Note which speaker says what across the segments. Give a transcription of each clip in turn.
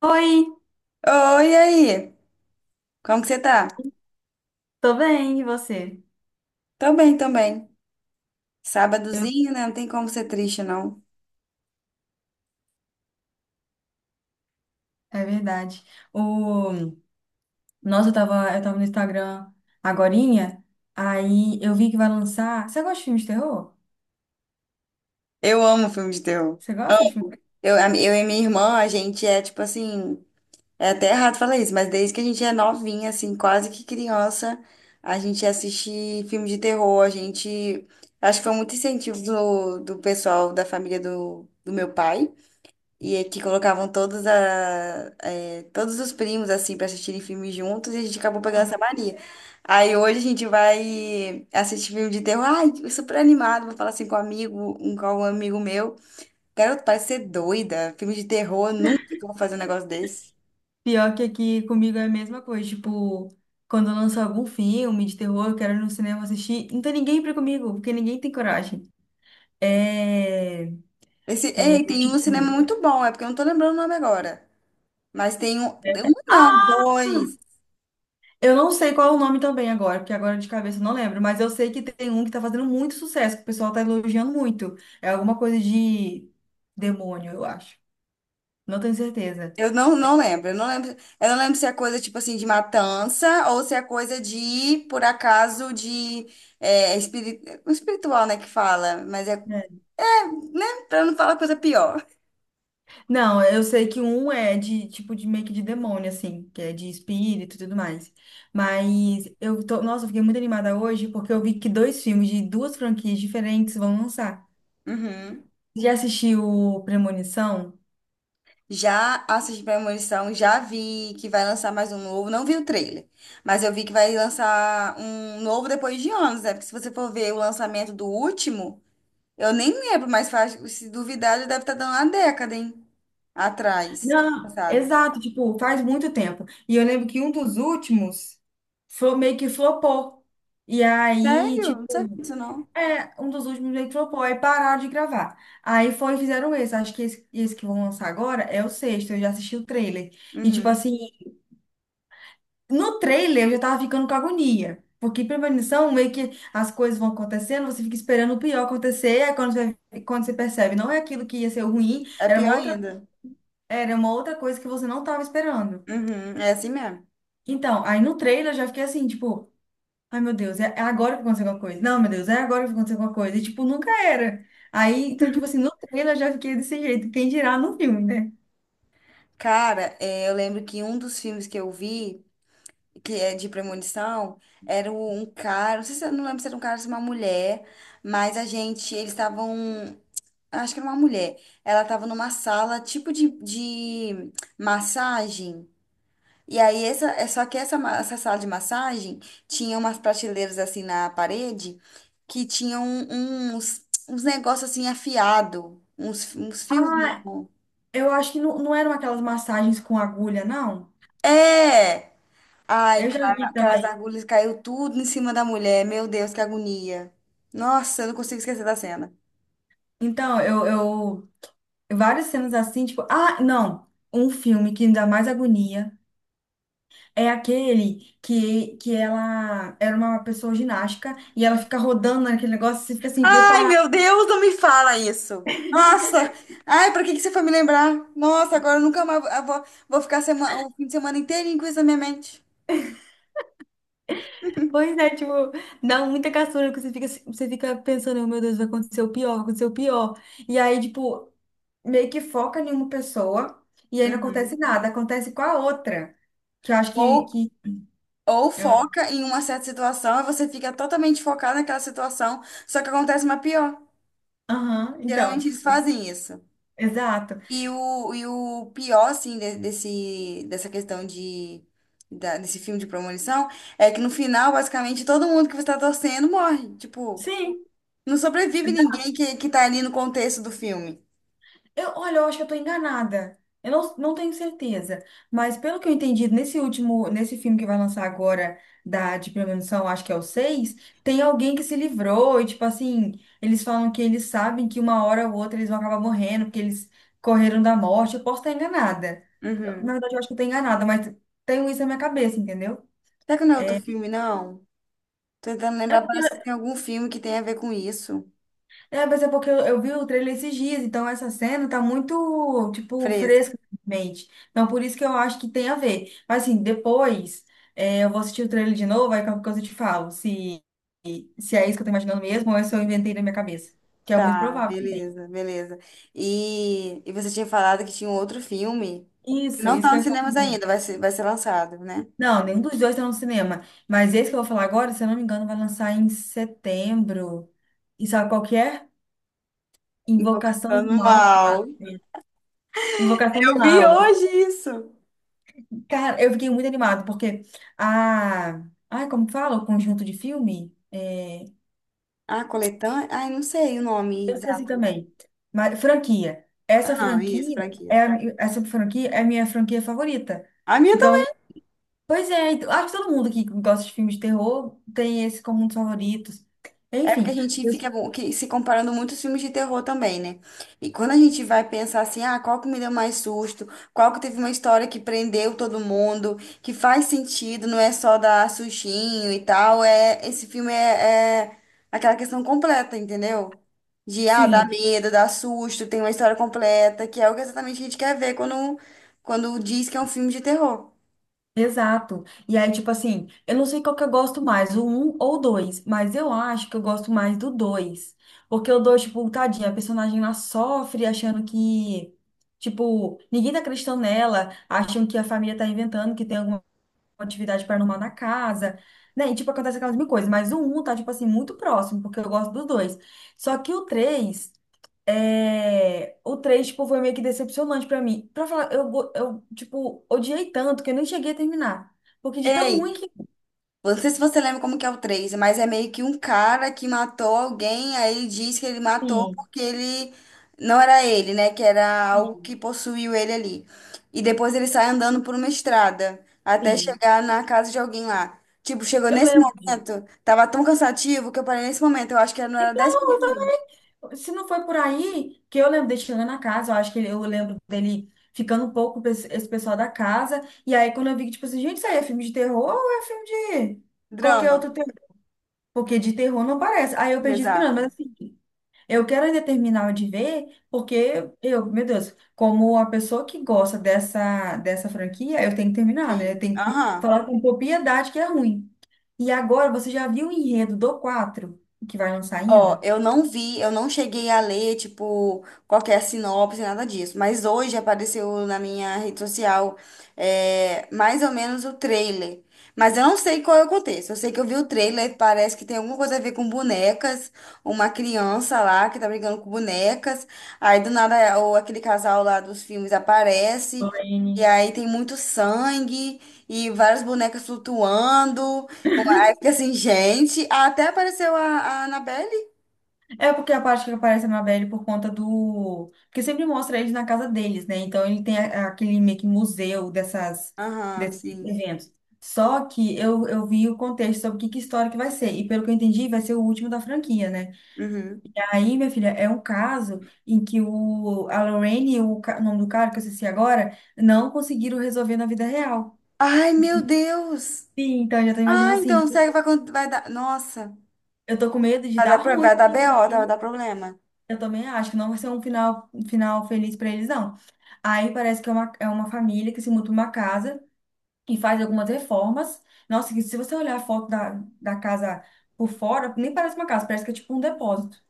Speaker 1: Oi,
Speaker 2: Oi, e aí? Como que você tá?
Speaker 1: tô bem, e você?
Speaker 2: Tô bem, tô bem.
Speaker 1: Eu-
Speaker 2: Sábadozinho, né? Não tem como ser triste, não.
Speaker 1: É verdade. O... Nossa, eu tava no Instagram agorinha, aí eu vi que vai lançar. Você gosta de filme de terror?
Speaker 2: Eu amo filme de terror.
Speaker 1: Você gosta de filme?
Speaker 2: Eu e minha irmã, a gente é tipo assim. É até errado falar isso, mas desde que a gente é novinha, assim, quase que criança, a gente assiste filme de terror. A gente. Acho que foi muito incentivo do pessoal da família do meu pai. E é que colocavam todos, todos os primos, assim, pra assistirem filmes juntos, e a gente acabou pegando essa mania. Aí hoje a gente vai assistir filme de terror, ai, eu super animado, vou falar assim com um amigo, com um amigo meu. Garoto, parece ser doida, filme de terror, nunca que eu vou fazer um negócio desse.
Speaker 1: Pior que aqui comigo é a mesma coisa. Tipo, quando lança algum filme de terror, eu quero ir no cinema assistir. Não tem ninguém pra ir comigo, porque ninguém tem coragem. É.
Speaker 2: Esse,
Speaker 1: É
Speaker 2: ei, tem um no cinema
Speaker 1: tipo.
Speaker 2: muito bom, é porque eu não tô lembrando o nome agora. Mas tem um, um não,
Speaker 1: Ah!
Speaker 2: dois.
Speaker 1: Eu não sei qual é o nome também agora, porque agora de cabeça eu não lembro, mas eu sei que tem um que tá fazendo muito sucesso, que o pessoal tá elogiando muito. É alguma coisa de demônio, eu acho. Não tenho certeza.
Speaker 2: Eu não, não lembro, eu não lembro, eu não lembro se é coisa tipo assim de matança ou se é coisa de, por acaso, de um espiritual, né, que fala, mas é,
Speaker 1: É.
Speaker 2: né, pra não falar coisa pior.
Speaker 1: Não, eu sei que um é de tipo de meio que de demônio, assim, que é de espírito e tudo mais. Mas eu tô, nossa, eu fiquei muito animada hoje porque eu vi que dois filmes de duas franquias diferentes vão lançar.
Speaker 2: Uhum.
Speaker 1: Já assistiu Premonição?
Speaker 2: Já assisti Premonição, já vi que vai lançar mais um novo, não vi o trailer, mas eu vi que vai lançar um novo depois de anos, né, porque se você for ver o lançamento do último, eu nem lembro, mas faz, se duvidar, já deve estar dando uma década, hein, atrás, que foi
Speaker 1: Não,
Speaker 2: lançado.
Speaker 1: exato, tipo, faz muito tempo. E eu lembro que um dos últimos meio que flopou. E aí,
Speaker 2: Sério? Não sabia
Speaker 1: tipo,
Speaker 2: disso, não.
Speaker 1: um dos últimos meio que flopou, aí pararam de gravar. Aí foi e fizeram esse. Acho que esse que vão lançar agora é o sexto, eu já assisti o trailer. E, tipo
Speaker 2: Uhum.
Speaker 1: assim, no trailer eu já tava ficando com agonia. Porque premonição, meio que as coisas vão acontecendo, você fica esperando o pior acontecer, aí quando você percebe, não é aquilo que ia ser o ruim,
Speaker 2: É
Speaker 1: era
Speaker 2: pior ainda.
Speaker 1: era uma outra coisa que você não tava esperando.
Speaker 2: Uhum. É assim mesmo.
Speaker 1: Então, aí no trailer eu já fiquei assim, tipo, ai meu Deus, é agora que vai acontecer alguma coisa. Não, meu Deus, é agora que vai acontecer alguma coisa. E tipo, nunca era. Aí, então, tipo assim, no trailer eu já fiquei desse jeito. Quem dirá no filme, né?
Speaker 2: Cara, é, eu lembro que um dos filmes que eu vi, que é de premonição, era um cara, não sei se eu não lembro se era um cara ou se uma mulher, mas a gente, eles estavam, acho que era uma mulher, ela estava numa sala tipo de massagem. E aí, essa, é só que essa, essa sala de massagem tinha umas prateleiras assim na parede que tinham uns negócios assim afiado, uns fios,
Speaker 1: Ah,
Speaker 2: não.
Speaker 1: eu acho que não, não eram aquelas massagens com agulha, não.
Speaker 2: É! Ai,
Speaker 1: Eu já
Speaker 2: cara,
Speaker 1: vi
Speaker 2: aquelas
Speaker 1: também.
Speaker 2: agulhas caiu tudo em cima da mulher. Meu Deus, que agonia. Nossa, eu não consigo esquecer da cena.
Speaker 1: Então, várias cenas assim, tipo, ah, não. Um filme que me dá mais agonia é aquele que ela era uma pessoa ginástica e ela fica rodando naquele negócio, você fica assim,
Speaker 2: Ai,
Speaker 1: preparada.
Speaker 2: meu Deus, não me fala isso. Nossa, ai, pra que que você foi me lembrar? Nossa, agora eu nunca mais vou ficar o fim de semana inteirinho com isso na minha mente.
Speaker 1: Pois é, tipo, dá muita caçura, que você fica pensando: "Oh, meu Deus, vai acontecer o pior, vai acontecer o pior." E aí, tipo, meio que foca em uma pessoa e aí não acontece
Speaker 2: Uhum.
Speaker 1: nada, acontece com a outra. Que eu acho que,
Speaker 2: Ou
Speaker 1: que...
Speaker 2: Ou
Speaker 1: ah,
Speaker 2: foca em uma certa situação e você fica totalmente focado naquela situação, só que acontece uma pior.
Speaker 1: Aham, então,
Speaker 2: Geralmente eles fazem isso.
Speaker 1: exato.
Speaker 2: E o pior, assim, dessa questão de, desse filme de premonição é que no final, basicamente, todo mundo que você tá torcendo morre. Tipo,
Speaker 1: Sim.
Speaker 2: não sobrevive ninguém que tá ali no contexto do filme.
Speaker 1: Eu, olha, eu acho que eu tô enganada. Eu não, não tenho certeza. Mas pelo que eu entendi, nesse último, nesse filme que vai lançar agora da de premonição, acho que é o seis, tem alguém que se livrou, e tipo assim, eles falam que eles sabem que uma hora ou outra eles vão acabar morrendo, porque eles correram da morte. Eu posso estar enganada. Na
Speaker 2: Uhum.
Speaker 1: verdade, eu acho que eu tô enganada, mas tenho isso na minha cabeça, entendeu?
Speaker 2: Será que não é outro filme, não? Tô tentando lembrar, parece que tem algum filme que tem a ver com isso.
Speaker 1: É, mas é porque eu vi o trailer esses dias, então essa cena tá muito, tipo,
Speaker 2: Fresco.
Speaker 1: fresca na minha mente. Então, por isso que eu acho que tem a ver. Mas, assim, depois eu vou assistir o trailer de novo, aí qualquer coisa eu te falo, se é isso que eu tô imaginando mesmo ou é se eu inventei na minha cabeça, que é muito
Speaker 2: Tá,
Speaker 1: provável também.
Speaker 2: beleza, beleza. E você tinha falado que tinha um outro filme que
Speaker 1: Isso,
Speaker 2: não
Speaker 1: isso
Speaker 2: tá
Speaker 1: que eu
Speaker 2: nos
Speaker 1: ia falar
Speaker 2: cinemas
Speaker 1: agora.
Speaker 2: ainda, vai ser lançado, né?
Speaker 1: Não, nenhum dos dois tá no cinema. Mas esse que eu vou falar agora, se eu não me engano, vai lançar em setembro. E sabe qual que é? Invocação
Speaker 2: Invocação
Speaker 1: do
Speaker 2: do
Speaker 1: Mal
Speaker 2: Mal.
Speaker 1: 4. Invocação do
Speaker 2: Eu vi
Speaker 1: Mal.
Speaker 2: hoje isso.
Speaker 1: Cara, eu fiquei muito animada, porque a. Ai, como fala? O conjunto de filme? É,
Speaker 2: Ah, coletânea? Ai, não sei o nome
Speaker 1: eu esqueci
Speaker 2: exato.
Speaker 1: também. Mas, franquia. Essa
Speaker 2: Ah, isso,
Speaker 1: franquia é
Speaker 2: franquia.
Speaker 1: essa franquia é a minha franquia favorita.
Speaker 2: Ai, minha.
Speaker 1: Então, pois é, então, acho que todo mundo que gosta de filmes de terror tem esse como um dos favoritos.
Speaker 2: É porque a
Speaker 1: Enfim,
Speaker 2: gente fica se comparando muito aos filmes de terror também, né? E quando a gente vai pensar assim, ah, qual que me deu mais susto? Qual que teve uma história que prendeu todo mundo? Que faz sentido, não é só dar sustinho e tal. É, esse filme é aquela questão completa, entendeu? De, ah, dar
Speaker 1: sim.
Speaker 2: medo, dar susto, tem uma história completa, que é o que exatamente a gente quer ver quando diz que é um filme de terror.
Speaker 1: Exato. E aí, tipo assim, eu não sei qual que eu gosto mais, o um ou o 2, mas eu acho que eu gosto mais do dois. Porque o 2 tipo, tadinha, a personagem lá sofre achando que, tipo, ninguém tá acreditando nela, acham que a família tá inventando, que tem alguma atividade paranormal na casa, né? E, tipo, acontece aquelas mil coisas. Mas o um tá, tipo assim, muito próximo, porque eu gosto dos dois. Só que o 3 o 3 tipo, foi meio que decepcionante pra mim. Pra falar, tipo, odiei tanto que eu nem cheguei a terminar. Porque de tão ruim
Speaker 2: Ei,
Speaker 1: que...
Speaker 2: não sei se você lembra como que é o três, mas é meio que um cara que matou alguém, aí ele diz que ele matou
Speaker 1: Sim,
Speaker 2: porque ele não era ele, né? Que era algo
Speaker 1: entendi.
Speaker 2: que possuiu ele ali. E depois ele sai andando por uma estrada até
Speaker 1: Sim,
Speaker 2: chegar na casa de alguém lá. Tipo, chegou
Speaker 1: eu
Speaker 2: nesse
Speaker 1: lembro disso.
Speaker 2: momento, tava tão cansativo que eu parei nesse momento. Eu acho que não era dez
Speaker 1: Então, eu
Speaker 2: minutos
Speaker 1: também... Se não foi por aí, que eu lembro dele chegando na casa, eu acho que eu lembro dele ficando um pouco com esse pessoal da casa. E aí, quando eu vi que, tipo assim, gente, isso aí é filme de terror ou é filme de
Speaker 2: de
Speaker 1: qualquer
Speaker 2: drama.
Speaker 1: outro terror? Porque de terror não parece. Aí eu perdi esperando, mas
Speaker 2: Exato.
Speaker 1: assim... Eu quero ainda terminar de ver, porque eu, meu Deus, como a pessoa que gosta dessa franquia, eu tenho que terminar, né? Eu
Speaker 2: Sim.
Speaker 1: tenho que
Speaker 2: Aham.
Speaker 1: falar com propriedade que é ruim. E agora, você já viu o enredo do 4 que vai lançar
Speaker 2: Ó,
Speaker 1: ainda?
Speaker 2: eu não vi, eu não cheguei a ler, tipo, qualquer sinopse, nada disso. Mas hoje apareceu na minha rede social, mais ou menos o trailer. Mas eu não sei qual é o contexto. Eu sei que eu vi o trailer, parece que tem alguma coisa a ver com bonecas, uma criança lá que tá brincando com bonecas. Aí do nada, ou aquele casal lá dos filmes aparece. E
Speaker 1: Lorraine.
Speaker 2: aí tem muito sangue e várias bonecas flutuando. Aí fica assim, gente. Até apareceu a Annabelle.
Speaker 1: É porque a parte que aparece a Mabel por conta do. Porque sempre mostra eles na casa deles, né? Então ele tem aquele meio que museu dessas,
Speaker 2: Aham,
Speaker 1: desses
Speaker 2: sim.
Speaker 1: eventos. Só que eu vi o contexto sobre que história que vai ser. E pelo que eu entendi, vai ser o último da franquia, né?
Speaker 2: Uhum.
Speaker 1: Aí, minha filha, é um caso em que a Lorraine e o nome do cara, que eu esqueci agora, não conseguiram resolver na vida real.
Speaker 2: Ai, meu Deus!
Speaker 1: Sim, então eu já tô imaginando
Speaker 2: Ah,
Speaker 1: assim,
Speaker 2: então será que vai, vai dar. Nossa,
Speaker 1: eu tô com medo de
Speaker 2: vai
Speaker 1: dar
Speaker 2: dar,
Speaker 1: ruim
Speaker 2: vai
Speaker 1: pra
Speaker 2: dar BO, tá? Vai
Speaker 1: Lorraine.
Speaker 2: dar problema.
Speaker 1: Eu também acho que não vai ser um final feliz pra eles, não. Aí parece que é é uma família que se muda pra uma casa e faz algumas reformas. Nossa, que se você olhar a foto da casa por fora, nem parece uma casa, parece que é tipo um depósito.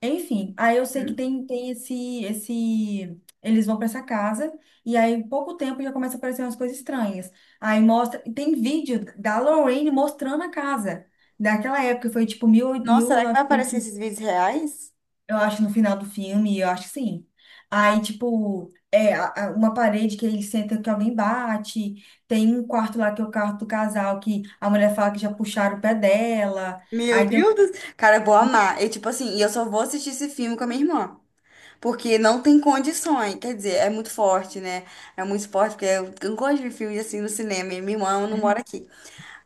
Speaker 1: Enfim, aí eu sei que
Speaker 2: Hum.
Speaker 1: tem esse. Eles vão pra essa casa, e aí, em pouco tempo, já começa a aparecer umas coisas estranhas. Aí mostra. E tem vídeo da Lorraine mostrando a casa. Daquela época, foi tipo 1000,
Speaker 2: Nossa, será que vai aparecer
Speaker 1: 1900,
Speaker 2: esses vídeos reais?
Speaker 1: eu acho, no final do filme, eu acho que sim. Aí, tipo, é uma parede que ele senta que alguém bate. Tem um quarto lá que é o quarto do casal, que a mulher fala que já puxaram o pé dela.
Speaker 2: Meu
Speaker 1: Aí tem
Speaker 2: Deus! Cara, eu vou amar. E tipo assim, e eu só vou assistir esse filme com a minha irmã. Porque não tem condições. Quer dizer, é muito forte, né? É muito forte, porque eu não gosto de filme assim no cinema. E minha irmã não mora
Speaker 1: um
Speaker 2: aqui.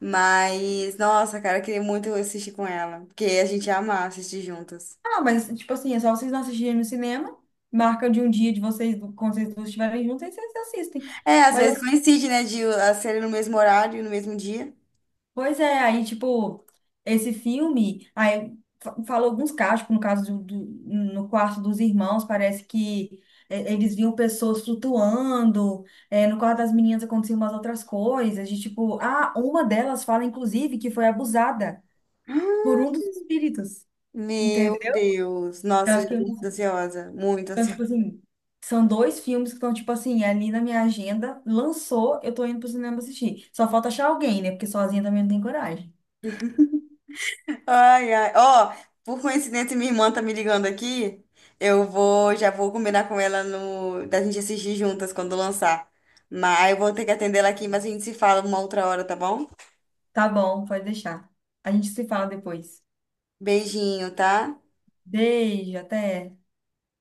Speaker 2: Mas, nossa, cara, eu queria muito assistir com ela. Porque a gente ia amar assistir juntas.
Speaker 1: Ah, mas, tipo assim, é só vocês não assistirem no cinema. Marca de um dia de vocês, quando vocês duas estiverem juntos, aí vocês assistem.
Speaker 2: É, às
Speaker 1: Mas,
Speaker 2: vezes coincide, né, de a ser no mesmo horário, no mesmo dia.
Speaker 1: pois é, aí, tipo, esse filme, aí falou alguns casos, tipo, no quarto dos irmãos, parece que eles viam pessoas flutuando, é, no quarto das meninas aconteciam umas outras coisas, de tipo, ah, uma delas fala, inclusive, que foi abusada por um
Speaker 2: Ah,
Speaker 1: dos espíritos,
Speaker 2: meu
Speaker 1: entendeu?
Speaker 2: Deus. Nossa, já tô muito ansiosa. Muito
Speaker 1: Então,
Speaker 2: ansiosa.
Speaker 1: tipo assim, são dois filmes que estão, tipo assim, ali na minha agenda. Lançou, eu tô indo pro cinema assistir. Só falta achar alguém, né? Porque sozinha também não tem coragem.
Speaker 2: Ai, ai. Ó, por coincidência, minha irmã tá me ligando aqui. Já vou combinar com ela no, da gente assistir juntas quando lançar. Mas eu vou ter que atender ela aqui, mas a gente se fala uma outra hora, tá bom?
Speaker 1: Tá bom, pode deixar. A gente se fala depois.
Speaker 2: Beijinho, tá?
Speaker 1: Beijo, até.